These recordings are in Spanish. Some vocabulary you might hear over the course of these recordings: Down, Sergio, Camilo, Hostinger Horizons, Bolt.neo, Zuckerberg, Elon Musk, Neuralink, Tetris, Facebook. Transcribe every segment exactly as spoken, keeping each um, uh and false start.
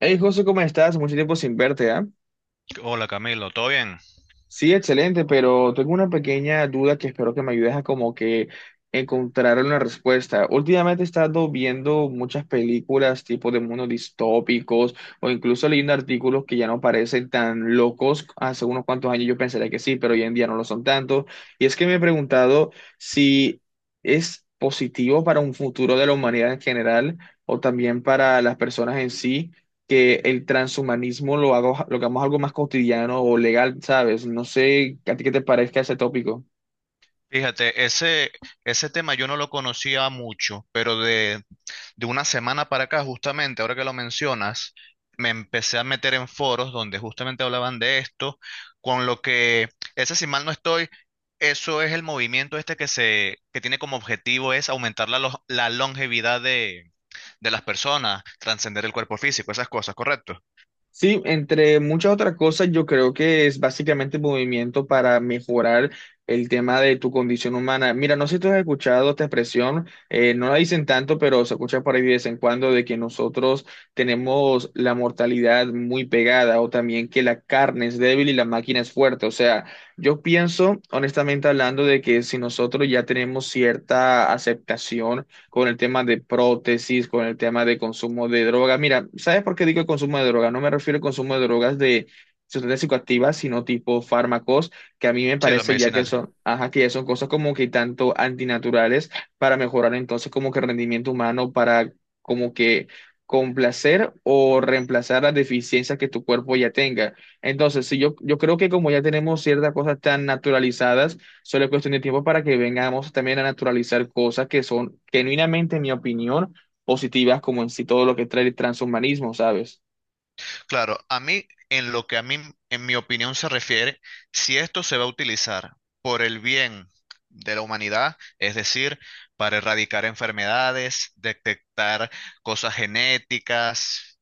Hey, José, ¿cómo estás? Mucho tiempo sin verte, ¿ah? Hola Camilo, ¿todo bien? Sí, excelente, pero tengo una pequeña duda que espero que me ayudes a como que encontrar una respuesta. Últimamente he estado viendo muchas películas tipo de mundos distópicos o incluso leyendo artículos que ya no parecen tan locos. Hace unos cuantos años yo pensaría que sí, pero hoy en día no lo son tanto. Y es que me he preguntado si es positivo para un futuro de la humanidad en general o también para las personas en sí que el transhumanismo lo hago, lo hagamos algo más cotidiano o legal, ¿sabes? No sé a ti qué te parezca ese tópico. Fíjate, ese, ese tema yo no lo conocía mucho, pero de, de una semana para acá, justamente, ahora que lo mencionas, me empecé a meter en foros donde justamente hablaban de esto, con lo que, ese si mal no estoy, eso es el movimiento este que se, que tiene como objetivo es aumentar la, lo- la longevidad de, de las personas, trascender el cuerpo físico, esas cosas, ¿correcto? Sí, entre muchas otras cosas, yo creo que es básicamente movimiento para mejorar el tema de tu condición humana. Mira, no sé si tú has escuchado esta expresión, eh, no la dicen tanto, pero se escucha por ahí de vez en cuando de que nosotros tenemos la mortalidad muy pegada o también que la carne es débil y la máquina es fuerte. O sea, yo pienso, honestamente hablando, de que si nosotros ya tenemos cierta aceptación, con el tema de prótesis, con el tema de consumo de droga. Mira, ¿sabes por qué digo el consumo de droga? No me refiero al consumo de drogas de sustancias psicoactivas, sino tipo fármacos, que a mí me Sí, los parece ya que medicinales. son, ajá, que ya son cosas como que tanto antinaturales para mejorar entonces como que el rendimiento humano, para como que complacer o reemplazar las deficiencias que tu cuerpo ya tenga. Entonces, si yo, yo creo que como ya tenemos ciertas cosas tan naturalizadas, solo es cuestión de tiempo para que vengamos también a naturalizar cosas que son genuinamente, en mi opinión, positivas, como en sí todo lo que trae el transhumanismo, ¿sabes? Claro, a mí, en lo que a mí, en mi opinión se refiere, si esto se va a utilizar por el bien de la humanidad, es decir, para erradicar enfermedades, detectar cosas genéticas,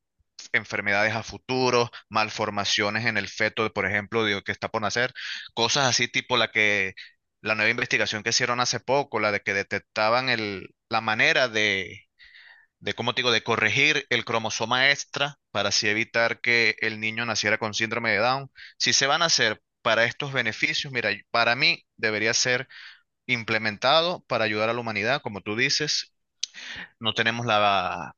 enfermedades a futuro, malformaciones en el feto, por ejemplo, de- que está por nacer, cosas así tipo la que, la nueva investigación que hicieron hace poco, la de que detectaban el, la manera de cómo te digo, de corregir el cromosoma extra para así evitar que el niño naciera con síndrome de Down. Si se van a hacer para estos beneficios, mira, para mí debería ser implementado para ayudar a la humanidad, como tú dices. No tenemos la,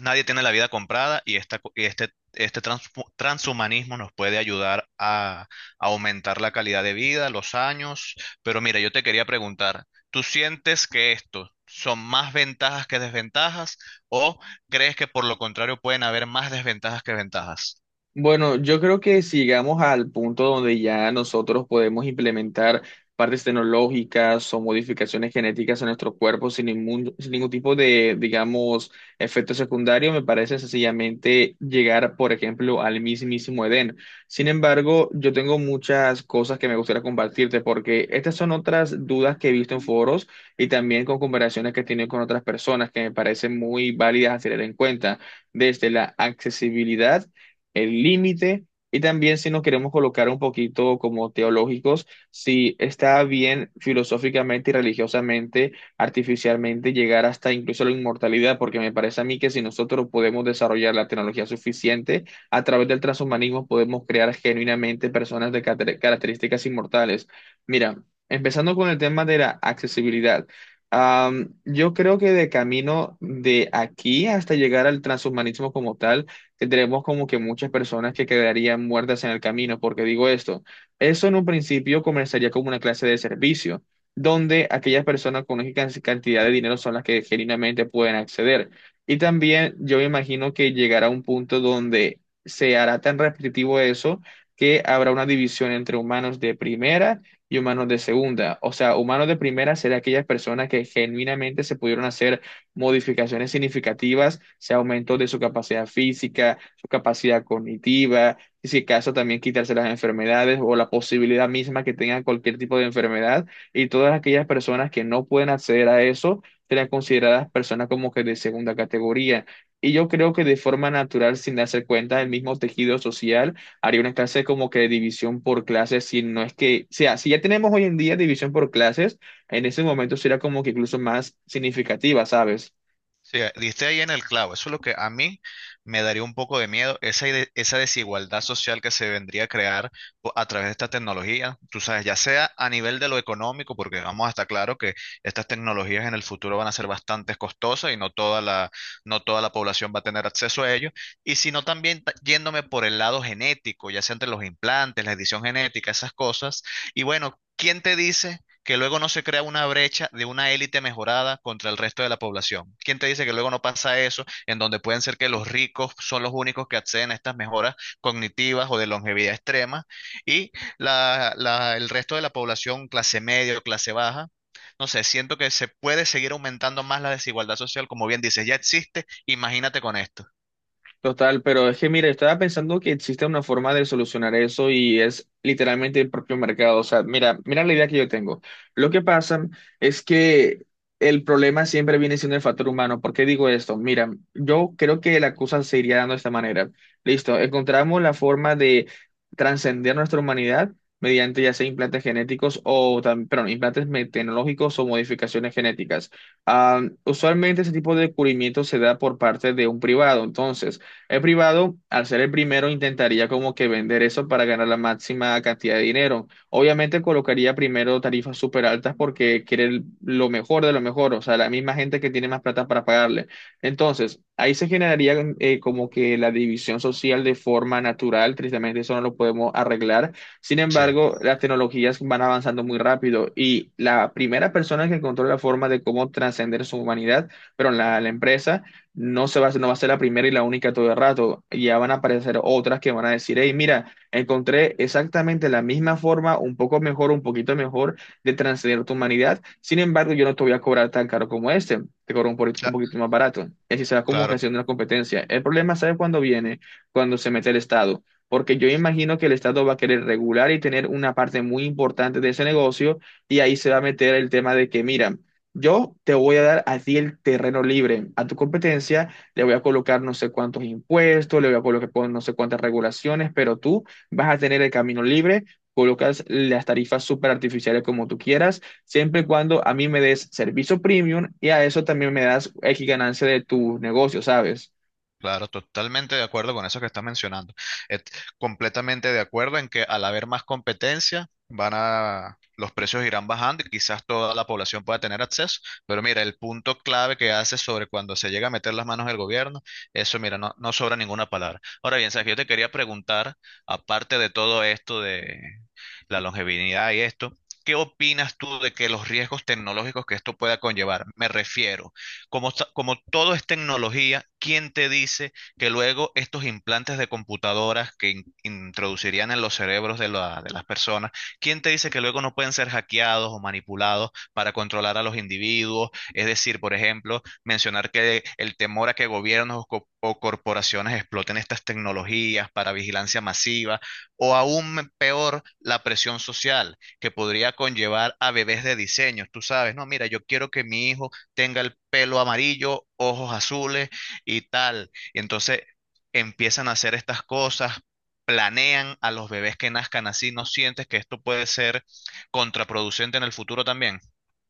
Nadie tiene la vida comprada y, esta, co- y este, este trans- transhumanismo nos puede ayudar a, a aumentar la calidad de vida, los años. Pero mira, yo te quería preguntar, ¿tú sientes que esto son más ventajas que desventajas o crees que por lo contrario pueden haber más desventajas que ventajas? Bueno, yo creo que si llegamos al punto donde ya nosotros podemos implementar partes tecnológicas o modificaciones genéticas en nuestro cuerpo sin ningún, sin ningún tipo de, digamos, efecto secundario, me parece sencillamente llegar, por ejemplo, al mismísimo Edén. Sin embargo, yo tengo muchas cosas que me gustaría compartirte porque estas son otras dudas que he visto en foros y también con conversaciones que he tenido con otras personas que me parecen muy válidas a tener en cuenta desde la accesibilidad, el límite, y también si nos queremos colocar un poquito como teológicos, si está bien filosóficamente y religiosamente, artificialmente llegar hasta incluso la inmortalidad, porque me parece a mí que si nosotros podemos desarrollar la tecnología suficiente, a través del transhumanismo podemos crear genuinamente personas de cate- características inmortales. Mira, empezando con el tema de la accesibilidad. Am, yo creo que de camino de aquí hasta llegar al transhumanismo como tal, tendremos como que muchas personas que quedarían muertas en el camino. Porque digo esto, eso en un principio comenzaría como una clase de servicio, donde aquellas personas con una can- cantidad de dinero son las que genuinamente pueden acceder. Y también yo me imagino que llegará un punto donde se hará tan repetitivo eso que habrá una división entre humanos de primera y humanos de segunda. O sea, humanos de primera serán aquellas personas que genuinamente se pudieron hacer modificaciones significativas, sea aumento de su capacidad física, su capacidad cognitiva, y si acaso también quitarse las enfermedades o la posibilidad misma que tengan cualquier tipo de enfermedad, y todas aquellas personas que no pueden acceder a eso serán consideradas personas como que de segunda categoría. Y yo creo que de forma natural, sin darse cuenta, el mismo tejido social haría una clase como que de división por clases, si no es que, o sea, si ya tenemos hoy en día división por clases, en ese momento sería como que incluso más significativa, ¿sabes? Sí, eh, diste ahí en el clavo. Eso es lo que a mí me daría un poco de miedo, esa, ide- esa desigualdad social que se vendría a crear po- a través de esta tecnología. Tú sabes, ya sea a nivel de lo económico, porque vamos a estar claro que estas tecnologías en el futuro van a ser bastante costosas y no toda la, no toda la población va a tener acceso a ello. Y sino también ta- yéndome por el lado genético, ya sea entre los implantes, la edición genética, esas cosas. Y bueno, ¿quién te dice que luego no se crea una brecha de una élite mejorada contra el resto de la población? ¿Quién te dice que luego no pasa eso, en donde pueden ser que los ricos son los únicos que acceden a estas mejoras cognitivas o de longevidad extrema y la- la- el resto de la población, clase media o clase baja? No sé, siento que se puede seguir aumentando más la desigualdad social, como bien dices, ya existe, imagínate con esto. Total, pero es que mira, estaba pensando que existe una forma de solucionar eso y es literalmente el propio mercado. O sea, mira, mira la idea que yo tengo. Lo que pasa es que el problema siempre viene siendo el factor humano. ¿Por qué digo esto? Mira, yo creo que la cosa se iría dando de esta manera. Listo, encontramos la forma de trascender nuestra humanidad mediante ya sea implantes genéticos o también, perdón, implantes me- tecnológicos o modificaciones genéticas. Ah, usualmente ese tipo de descubrimiento se da por parte de un privado. Entonces, el privado, al ser el primero, intentaría como que vender eso para ganar la máxima cantidad de dinero. Obviamente colocaría primero tarifas súper altas porque quiere el- lo mejor de lo mejor, o sea, la misma gente que tiene más plata para pagarle. Entonces, ahí se generaría eh, como que la división social de forma natural, tristemente eso no lo podemos arreglar. Sin Sí, embargo, las tecnologías van avanzando muy rápido y la primera persona que encontró la forma de cómo trascender su humanidad, pero la la empresa no se va a hacer, no va a ser la primera y la única todo el rato. Ya van a aparecer otras que van a decir, hey, mira, encontré exactamente la misma forma, un poco mejor, un poquito mejor de transcender tu humanidad. Sin embargo, yo no te voy a cobrar tan caro como este, te cobro un, poquito- un cla- poquito más barato. Y así se va como que claro. haciendo una competencia. El problema, ¿sabes cuándo viene? Cuando se mete el Estado. Porque yo imagino que el Estado va a querer regular y tener una parte muy importante de ese negocio y ahí se va a meter el tema de que, mira, yo te voy a dar a ti el terreno libre. A tu competencia le voy a colocar no sé cuántos impuestos, le voy a colocar con no sé cuántas regulaciones, pero tú vas a tener el camino libre. Colocas las tarifas súper artificiales como tú quieras, siempre y cuando a mí me des servicio premium y a eso también me das X ganancia de tu negocio, ¿sabes? Claro, totalmente de acuerdo con eso que estás mencionando. Et- Completamente de acuerdo en que al haber más competencia, van a, los precios irán bajando y quizás toda la población pueda tener acceso. Pero mira, el punto clave que hace sobre cuando se llega a meter las manos del gobierno, eso mira, no, no sobra ninguna palabra. Ahora bien, Sergio, yo te quería preguntar, aparte de todo esto de la longevidad y esto, ¿qué opinas tú de que los riesgos tecnológicos que esto pueda conllevar? Me refiero. Como, sa- como todo es tecnología, ¿quién te dice que luego estos implantes de computadoras que in- introducirían en los cerebros de, la- de las personas, quién te dice que luego no pueden ser hackeados o manipulados para controlar a los individuos? Es decir, por ejemplo, mencionar que el temor a que gobiernos o, co- o corporaciones exploten estas tecnologías para vigilancia masiva, o aún me- peor, la presión social que podría conllevar a bebés de diseño. Tú sabes, no, mira, yo quiero que mi hijo tenga el pelo amarillo, ojos azules y tal. Y entonces empiezan a hacer estas cosas, planean a los bebés que nazcan así. ¿No sientes que esto puede ser contraproducente en el futuro también?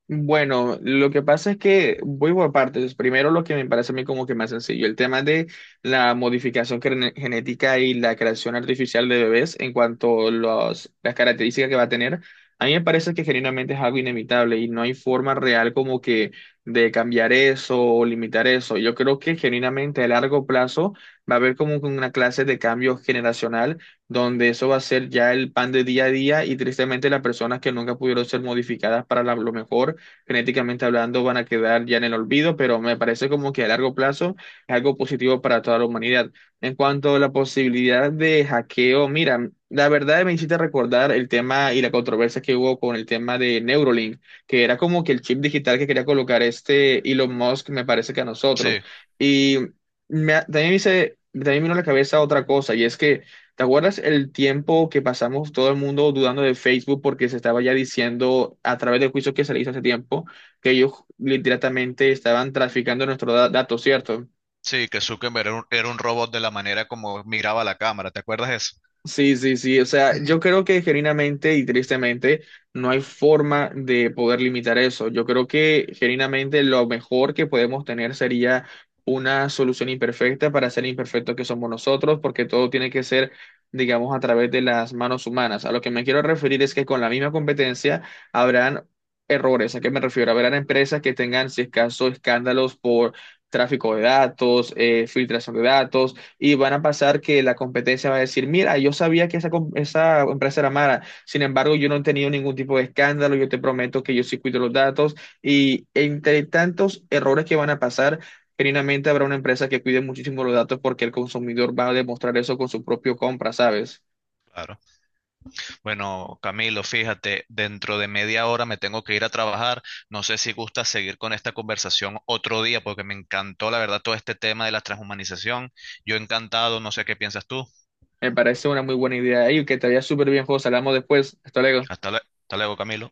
Bueno, lo que pasa es que voy por partes. Primero, lo que me parece a mí como que más sencillo, el tema de la modificación gene- genética y la creación artificial de bebés en cuanto a los, las características que va a tener. A mí me parece que genuinamente es algo inevitable y no hay forma real como que de cambiar eso o limitar eso. Yo creo que genuinamente a largo plazo va a haber como que una clase de cambio generacional donde eso va a ser ya el pan de día a día y tristemente las personas que nunca pudieron ser modificadas para la- lo mejor genéticamente hablando van a quedar ya en el olvido, pero me parece como que a largo plazo es algo positivo para toda la humanidad. En cuanto a la posibilidad de hackeo, mira, la verdad me hiciste recordar el tema y la controversia que hubo con el tema de Neuralink, que era como que el chip digital que quería colocar este Elon Musk, me parece que a nosotros. Sí, Y me, también me hice- también me vino a la cabeza otra cosa, y es que ¿te acuerdas el tiempo que pasamos todo el mundo dudando de Facebook porque se estaba ya diciendo a través del juicio que se le hizo hace tiempo que ellos literalmente estaban traficando nuestros da- datos, ¿cierto? sí, que Zuckerberg era un, era un robot de la manera como miraba la cámara. ¿Te acuerdas de eso? Sí, sí, sí. O sea, yo creo que genuinamente y tristemente no hay forma de poder limitar eso. Yo creo que genuinamente lo mejor que podemos tener sería una solución imperfecta para ser imperfectos que somos nosotros, porque todo tiene que ser, digamos, a través de las manos humanas. A lo que me quiero referir es que con la misma competencia habrán errores. ¿A qué me refiero? Habrán empresas que tengan, si es caso, escándalos por tráfico de datos, eh, filtración de datos y van a pasar que la competencia va a decir, mira, yo sabía que esa, com- esa empresa era mala, sin embargo, yo no he tenido ningún tipo de escándalo, yo te prometo que yo sí cuido los datos y entre tantos errores que van a pasar, genuinamente habrá una empresa que cuide muchísimo los datos porque el consumidor va a demostrar eso con su propio compra, ¿sabes? Claro. Bueno, Camilo, fíjate, dentro de media hora me tengo que ir a trabajar. No sé si gusta seguir con esta conversación otro día, porque me encantó, la verdad, todo este tema de la transhumanización. Yo encantado, no sé qué piensas tú. Me parece una muy buena idea. Y que te vaya súper bien, José. Hablamos después. Hasta luego. Hasta lue- hasta luego, Camilo.